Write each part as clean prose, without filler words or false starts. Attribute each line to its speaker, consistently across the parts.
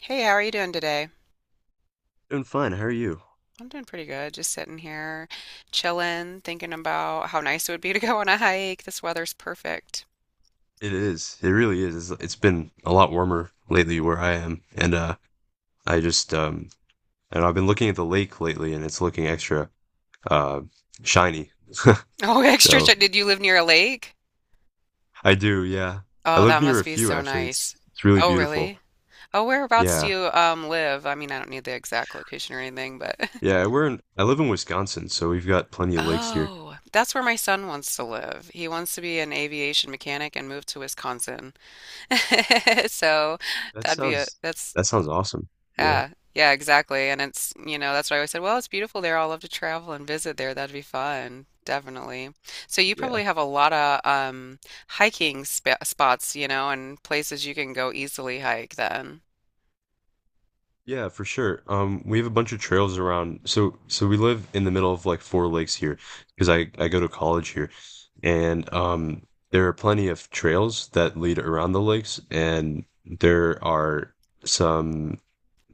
Speaker 1: Hey, how are you doing today?
Speaker 2: Doing fine. How are you?
Speaker 1: I'm doing pretty good. Just sitting here, chilling, thinking about how nice it would be to go on a hike. This weather's perfect.
Speaker 2: It is. It really is. It's been a lot warmer lately where I am, and I just and I've been looking at the lake lately, and it's looking extra uh shiny.
Speaker 1: Oh, extra
Speaker 2: So
Speaker 1: shit. Did you live near a lake?
Speaker 2: I do, yeah. I
Speaker 1: Oh,
Speaker 2: live
Speaker 1: that
Speaker 2: near
Speaker 1: must
Speaker 2: a
Speaker 1: be
Speaker 2: few
Speaker 1: so
Speaker 2: actually.
Speaker 1: nice.
Speaker 2: It's really
Speaker 1: Oh,
Speaker 2: beautiful.
Speaker 1: really? Oh, whereabouts do
Speaker 2: Yeah,
Speaker 1: you live? I mean, I don't need the exact location or anything, but
Speaker 2: yeah. We're in. I live in Wisconsin, so we've got plenty of lakes here.
Speaker 1: Oh, that's where my son wants to live. He wants to be an aviation mechanic and move to Wisconsin. So
Speaker 2: That
Speaker 1: that'd be a
Speaker 2: sounds
Speaker 1: that's
Speaker 2: that sounds awesome. Yeah,
Speaker 1: yeah, yeah, exactly. And that's why I always said, well, it's beautiful there. I'll love to travel and visit there. That'd be fun. Definitely. So you probably
Speaker 2: yeah.
Speaker 1: have a lot of hiking sp spots, and places you can go easily hike then.
Speaker 2: Yeah, for sure. We have a bunch of trails around. So we live in the middle of like four lakes here because I go to college here, and there are plenty of trails that lead around the lakes, and there are some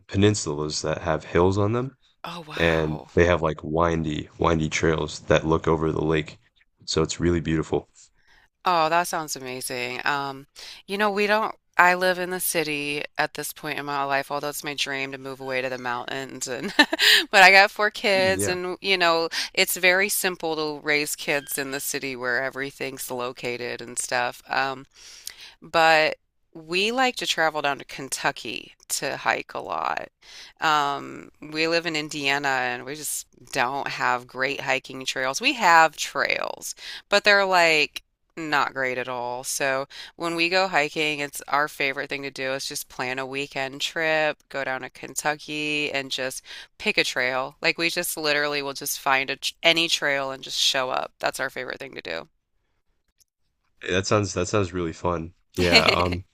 Speaker 2: peninsulas that have hills on them,
Speaker 1: Oh,
Speaker 2: and
Speaker 1: wow.
Speaker 2: they have like windy, windy trails that look over the lake. So it's really beautiful.
Speaker 1: Oh, that sounds amazing. You know, we don't, I live in the city at this point in my life, although it's my dream to move away to the mountains and but I got four
Speaker 2: Mm,
Speaker 1: kids
Speaker 2: yeah.
Speaker 1: and it's very simple to raise kids in the city where everything's located and stuff. But we like to travel down to Kentucky to hike a lot. We live in Indiana and we just don't have great hiking trails. We have trails, but they're like not great at all. So when we go hiking, it's our favorite thing to do is just plan a weekend trip, go down to Kentucky and just pick a trail. Like we just literally will just find a, any trail and just show up. That's our favorite thing to do.
Speaker 2: Hey, that sounds really fun. Yeah,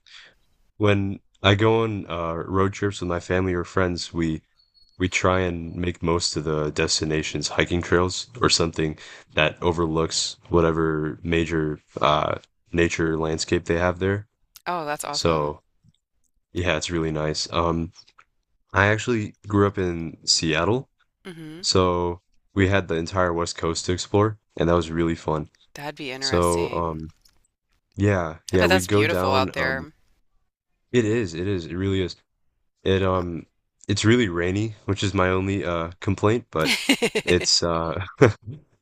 Speaker 2: when I go on road trips with my family or friends, we try and make most of the destinations hiking trails or something that overlooks whatever major nature landscape they have there.
Speaker 1: Oh, that's awesome.
Speaker 2: So yeah, it's really nice. I actually grew up in Seattle,
Speaker 1: Hmm.
Speaker 2: so we had the entire West Coast to explore, and that was really fun.
Speaker 1: That'd be
Speaker 2: So
Speaker 1: interesting.
Speaker 2: yeah,
Speaker 1: I
Speaker 2: yeah,
Speaker 1: bet
Speaker 2: we'd
Speaker 1: that's
Speaker 2: go
Speaker 1: beautiful
Speaker 2: down.
Speaker 1: out there.
Speaker 2: It is, it is, it really is. It
Speaker 1: Wow.
Speaker 2: um, it's really rainy, which is my only complaint, but
Speaker 1: I
Speaker 2: it's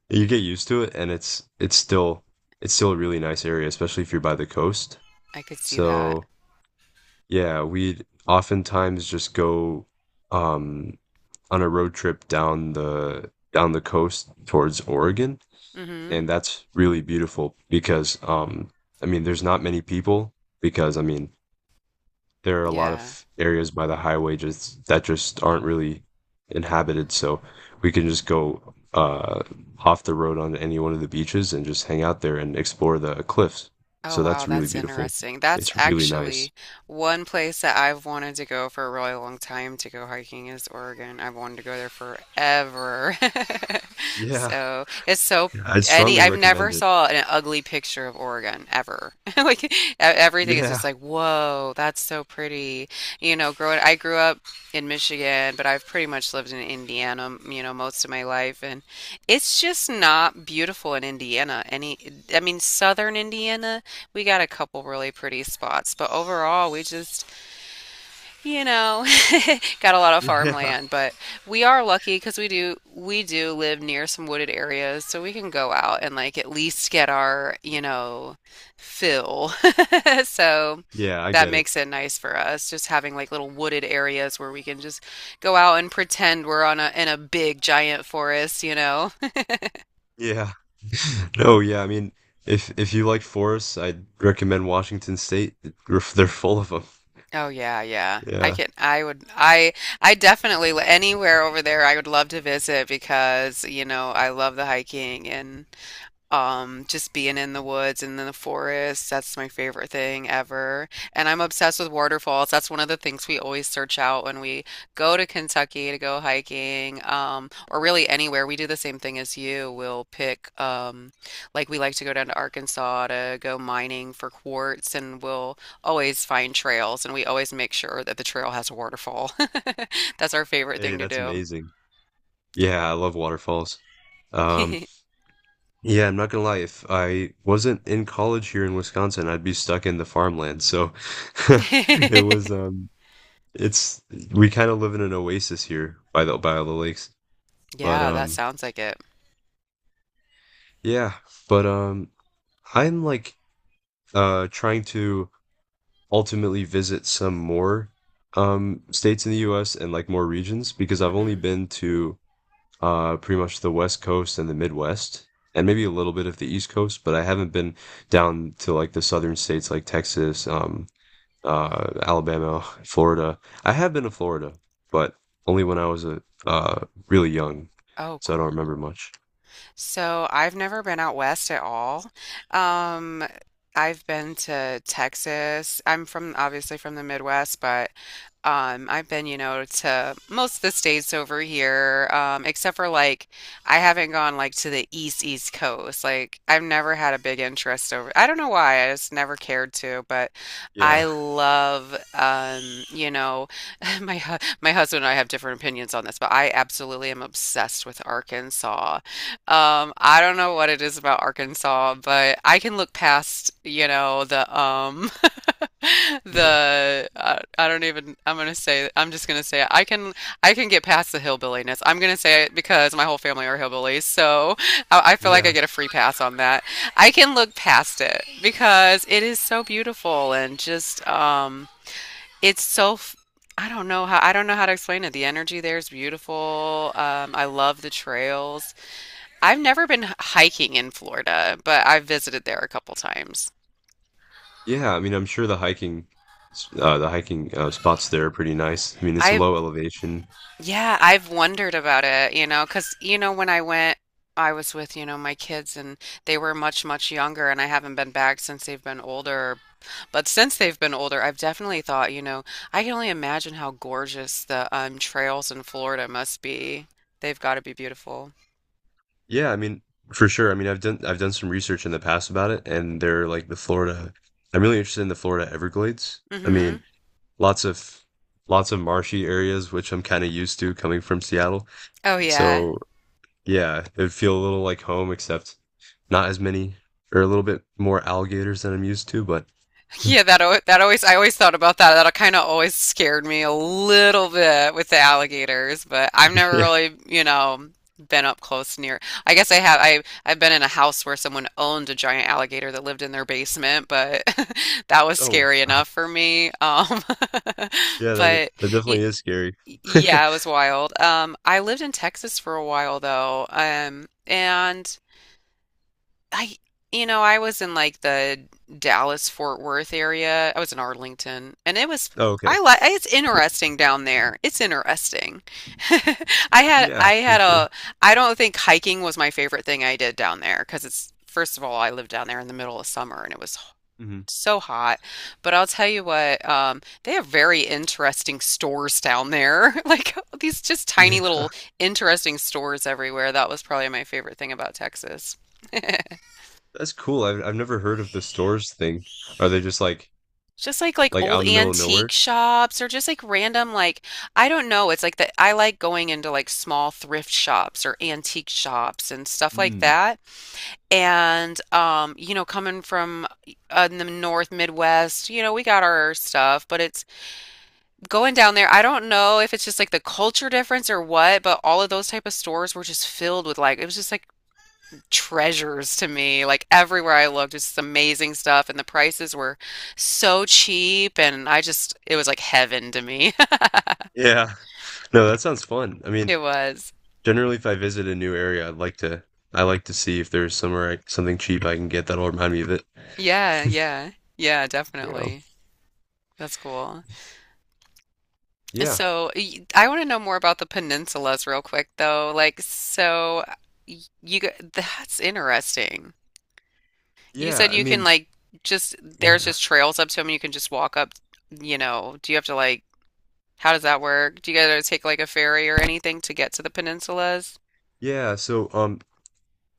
Speaker 2: you get used to it, and it's still a really nice area, especially if you're by the coast.
Speaker 1: could see that.
Speaker 2: So yeah, we'd oftentimes just go um, on a road trip down the coast towards Oregon,
Speaker 1: Hmm.
Speaker 2: and that's really beautiful because I mean, there's not many people because I mean, there are a lot
Speaker 1: Yeah.
Speaker 2: of areas by the highway just that just aren't really inhabited, so we can just go off the road on any one of the beaches and just hang out there and explore the cliffs.
Speaker 1: Oh,
Speaker 2: So
Speaker 1: wow,
Speaker 2: that's really
Speaker 1: that's
Speaker 2: beautiful.
Speaker 1: interesting. That's
Speaker 2: It's really nice.
Speaker 1: actually one place that I've wanted to go for a really long time to go hiking is Oregon. I've wanted to go there forever.
Speaker 2: Yeah,
Speaker 1: So it's so
Speaker 2: yeah, I'd
Speaker 1: any
Speaker 2: strongly
Speaker 1: I've never
Speaker 2: recommend it.
Speaker 1: saw an ugly picture of Oregon ever. Like everything is
Speaker 2: Yeah,
Speaker 1: just like, whoa, that's so pretty. Growing I grew up in Michigan, but I've pretty much lived in Indiana, most of my life, and it's just not beautiful in Indiana. I mean, southern Indiana, we got a couple really pretty spots, but overall, we just, you know, got a lot of
Speaker 2: yeah,
Speaker 1: farmland. But we are lucky because we do live near some wooded areas, so we can go out and like at least get our, fill. So
Speaker 2: yeah, I
Speaker 1: that
Speaker 2: get it.
Speaker 1: makes it nice for us, just having like little wooded areas where we can just go out and pretend we're on a in a big giant forest, you know.
Speaker 2: Yeah. No, yeah, I mean, if you like forests, I'd recommend Washington State. They're full of them.
Speaker 1: Oh yeah, yeah. I
Speaker 2: Yeah.
Speaker 1: can I would I I definitely anywhere over there I would love to visit because, I love the hiking and just being in the woods and in the forest, that's my favorite thing ever. And I'm obsessed with waterfalls. That's one of the things we always search out when we go to Kentucky to go hiking, or really anywhere. We do the same thing as you. We'll pick, like we like to go down to Arkansas to go mining for quartz, and we'll always find trails, and we always make sure that the trail has a waterfall. That's our favorite
Speaker 2: Hey,
Speaker 1: thing to
Speaker 2: that's
Speaker 1: do.
Speaker 2: amazing. Yeah, I love waterfalls. Um, yeah, I'm not gonna lie, if I wasn't in college here in Wisconsin, I'd be stuck in the farmland. So it was it's we kind of live in an oasis here by all the lakes. But
Speaker 1: Yeah, that sounds like it.
Speaker 2: Yeah, but I'm like trying to ultimately visit some more states in the US and like more regions because I've only
Speaker 1: Hmm.
Speaker 2: been to pretty much the West Coast and the Midwest, and maybe a little bit of the East Coast, but I haven't been down to like the southern states like Texas, Alabama, Florida. I have been to Florida, but only when I was a really young,
Speaker 1: Oh,
Speaker 2: so I don't
Speaker 1: cool.
Speaker 2: remember much.
Speaker 1: So I've never been out west at all. Um, I've been to Texas. I'm from obviously from the Midwest, but I've been, to most of the states over here, except for like I haven't gone like to the east coast. Like I've never had a big interest over. I don't know why. I just never cared to, but I
Speaker 2: Yeah,
Speaker 1: love, you know, my my husband and I have different opinions on this, but I absolutely am obsessed with Arkansas. I don't know what it is about Arkansas, but I can look past, the
Speaker 2: yeah,
Speaker 1: the I don't even I'm just gonna say it. I can get past the hillbilliness. I'm gonna say it because my whole family are hillbillies, so I feel like I
Speaker 2: yeah,
Speaker 1: get a free pass on that. I can look past it because it is so beautiful and just it's so f- I don't know how to explain it. The energy there is beautiful. I love the trails. I've never been hiking in Florida, but I've visited there a couple times.
Speaker 2: yeah. I mean, I'm sure the hiking, the hiking spots there are pretty nice. I mean, it's a
Speaker 1: I've,
Speaker 2: low elevation.
Speaker 1: yeah, I've wondered about it, because, when I went, I was with, my kids and they were much, much younger, and I haven't been back since they've been older. But since they've been older, I've definitely thought, I can only imagine how gorgeous the trails in Florida must be. They've got to be beautiful.
Speaker 2: Yeah, I mean, for sure. I mean, I've done some research in the past about it, and they're like the Florida. I'm really interested in the Florida Everglades. I
Speaker 1: Hmm.
Speaker 2: mean, lots of lots of marshy areas, which I'm kind of used to coming from Seattle.
Speaker 1: Oh, yeah.
Speaker 2: So yeah, it'd feel a little like home, except not as many or a little bit more alligators than I'm used to. But
Speaker 1: Yeah, that always I always thought about that. That kind of always scared me a little bit with the alligators, but I've never
Speaker 2: yeah.
Speaker 1: really, been up close near. I guess I have. I've been in a house where someone owned a giant alligator that lived in their basement, but that was
Speaker 2: Oh
Speaker 1: scary
Speaker 2: wow.
Speaker 1: enough for me.
Speaker 2: Yeah,
Speaker 1: But
Speaker 2: that
Speaker 1: y
Speaker 2: definitely is scary.
Speaker 1: yeah, it was wild. I lived in Texas for a while though, and. I, you know, I was in like the Dallas Fort Worth area. I was in Arlington, and it was
Speaker 2: Oh, okay.
Speaker 1: I like it's interesting down there. It's interesting.
Speaker 2: Yeah,
Speaker 1: I
Speaker 2: for
Speaker 1: had
Speaker 2: sure.
Speaker 1: a I don't think hiking was my favorite thing I did down there because it's first of all I lived down there in the middle of summer and it was
Speaker 2: Hmm.
Speaker 1: so hot. But I'll tell you what, they have very interesting stores down there. Like these just tiny little interesting stores everywhere. That was probably my favorite thing about Texas.
Speaker 2: That's cool. I've never heard of the stores thing. Are they just
Speaker 1: Just like
Speaker 2: like out
Speaker 1: old
Speaker 2: in the middle of
Speaker 1: antique
Speaker 2: nowhere?
Speaker 1: shops or just like random like I don't know. It's like that I like going into like small thrift shops or antique shops and stuff like
Speaker 2: Hmm.
Speaker 1: that. And coming from in the North Midwest, we got our stuff, but it's going down there. I don't know if it's just like the culture difference or what, but all of those type of stores were just filled with like it was just like treasures to me. Like everywhere I looked, it's amazing stuff, and the prices were so cheap, and I just it was like heaven to me.
Speaker 2: Yeah. No, that sounds fun. I mean,
Speaker 1: It was.
Speaker 2: generally if I visit a new area, I like to see if there's somewhere something cheap I can get that'll remind me of it.
Speaker 1: Yeah, yeah. Yeah,
Speaker 2: Yeah.
Speaker 1: definitely. That's cool.
Speaker 2: Yeah.
Speaker 1: So, I want to know more about the peninsulas real quick though. Like so that's interesting. You
Speaker 2: Yeah,
Speaker 1: said
Speaker 2: I
Speaker 1: you can
Speaker 2: mean,
Speaker 1: like just there's
Speaker 2: yeah.
Speaker 1: just trails up to them and you can just walk up, you know. Do you have to like how does that work? Do you guys take like a ferry or anything to get to the peninsulas?
Speaker 2: Yeah, so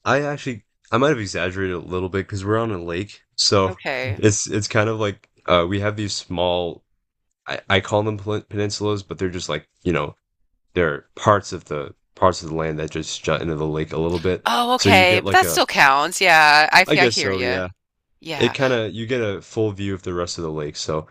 Speaker 2: I actually I might have exaggerated a little bit because we're on a lake. So
Speaker 1: Okay.
Speaker 2: it's kind of like we have these small I call them peninsulas, but they're just like, you know, there are parts of the land that just jut into the lake a little bit.
Speaker 1: Oh,
Speaker 2: So you
Speaker 1: okay.
Speaker 2: get
Speaker 1: But
Speaker 2: like
Speaker 1: that
Speaker 2: a
Speaker 1: still counts. Yeah,
Speaker 2: I
Speaker 1: I
Speaker 2: guess
Speaker 1: hear
Speaker 2: so,
Speaker 1: you.
Speaker 2: yeah.
Speaker 1: Yeah.
Speaker 2: It kinda you get a full view of the rest of the lake, so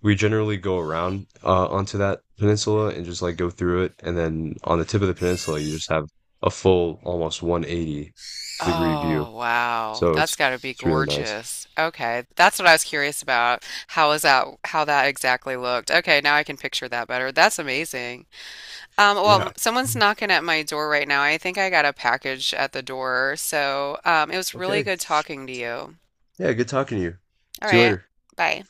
Speaker 2: we generally go around, onto that peninsula and just, like, go through it, and then on the tip of the peninsula, you just have a full, almost 180-degree view.
Speaker 1: Oh, wow.
Speaker 2: So
Speaker 1: That's
Speaker 2: it's
Speaker 1: got to be
Speaker 2: it's really nice.
Speaker 1: gorgeous. Okay. That's what I was curious about. How is that, how that exactly looked? Okay, now I can picture that better. That's amazing. Well,
Speaker 2: Yeah.
Speaker 1: someone's
Speaker 2: Mm,
Speaker 1: knocking at my door right now. I think I got a package at the door. So, it was really
Speaker 2: okay.
Speaker 1: good talking to you.
Speaker 2: Yeah, good talking to you.
Speaker 1: All
Speaker 2: See you
Speaker 1: right.
Speaker 2: later.
Speaker 1: Bye.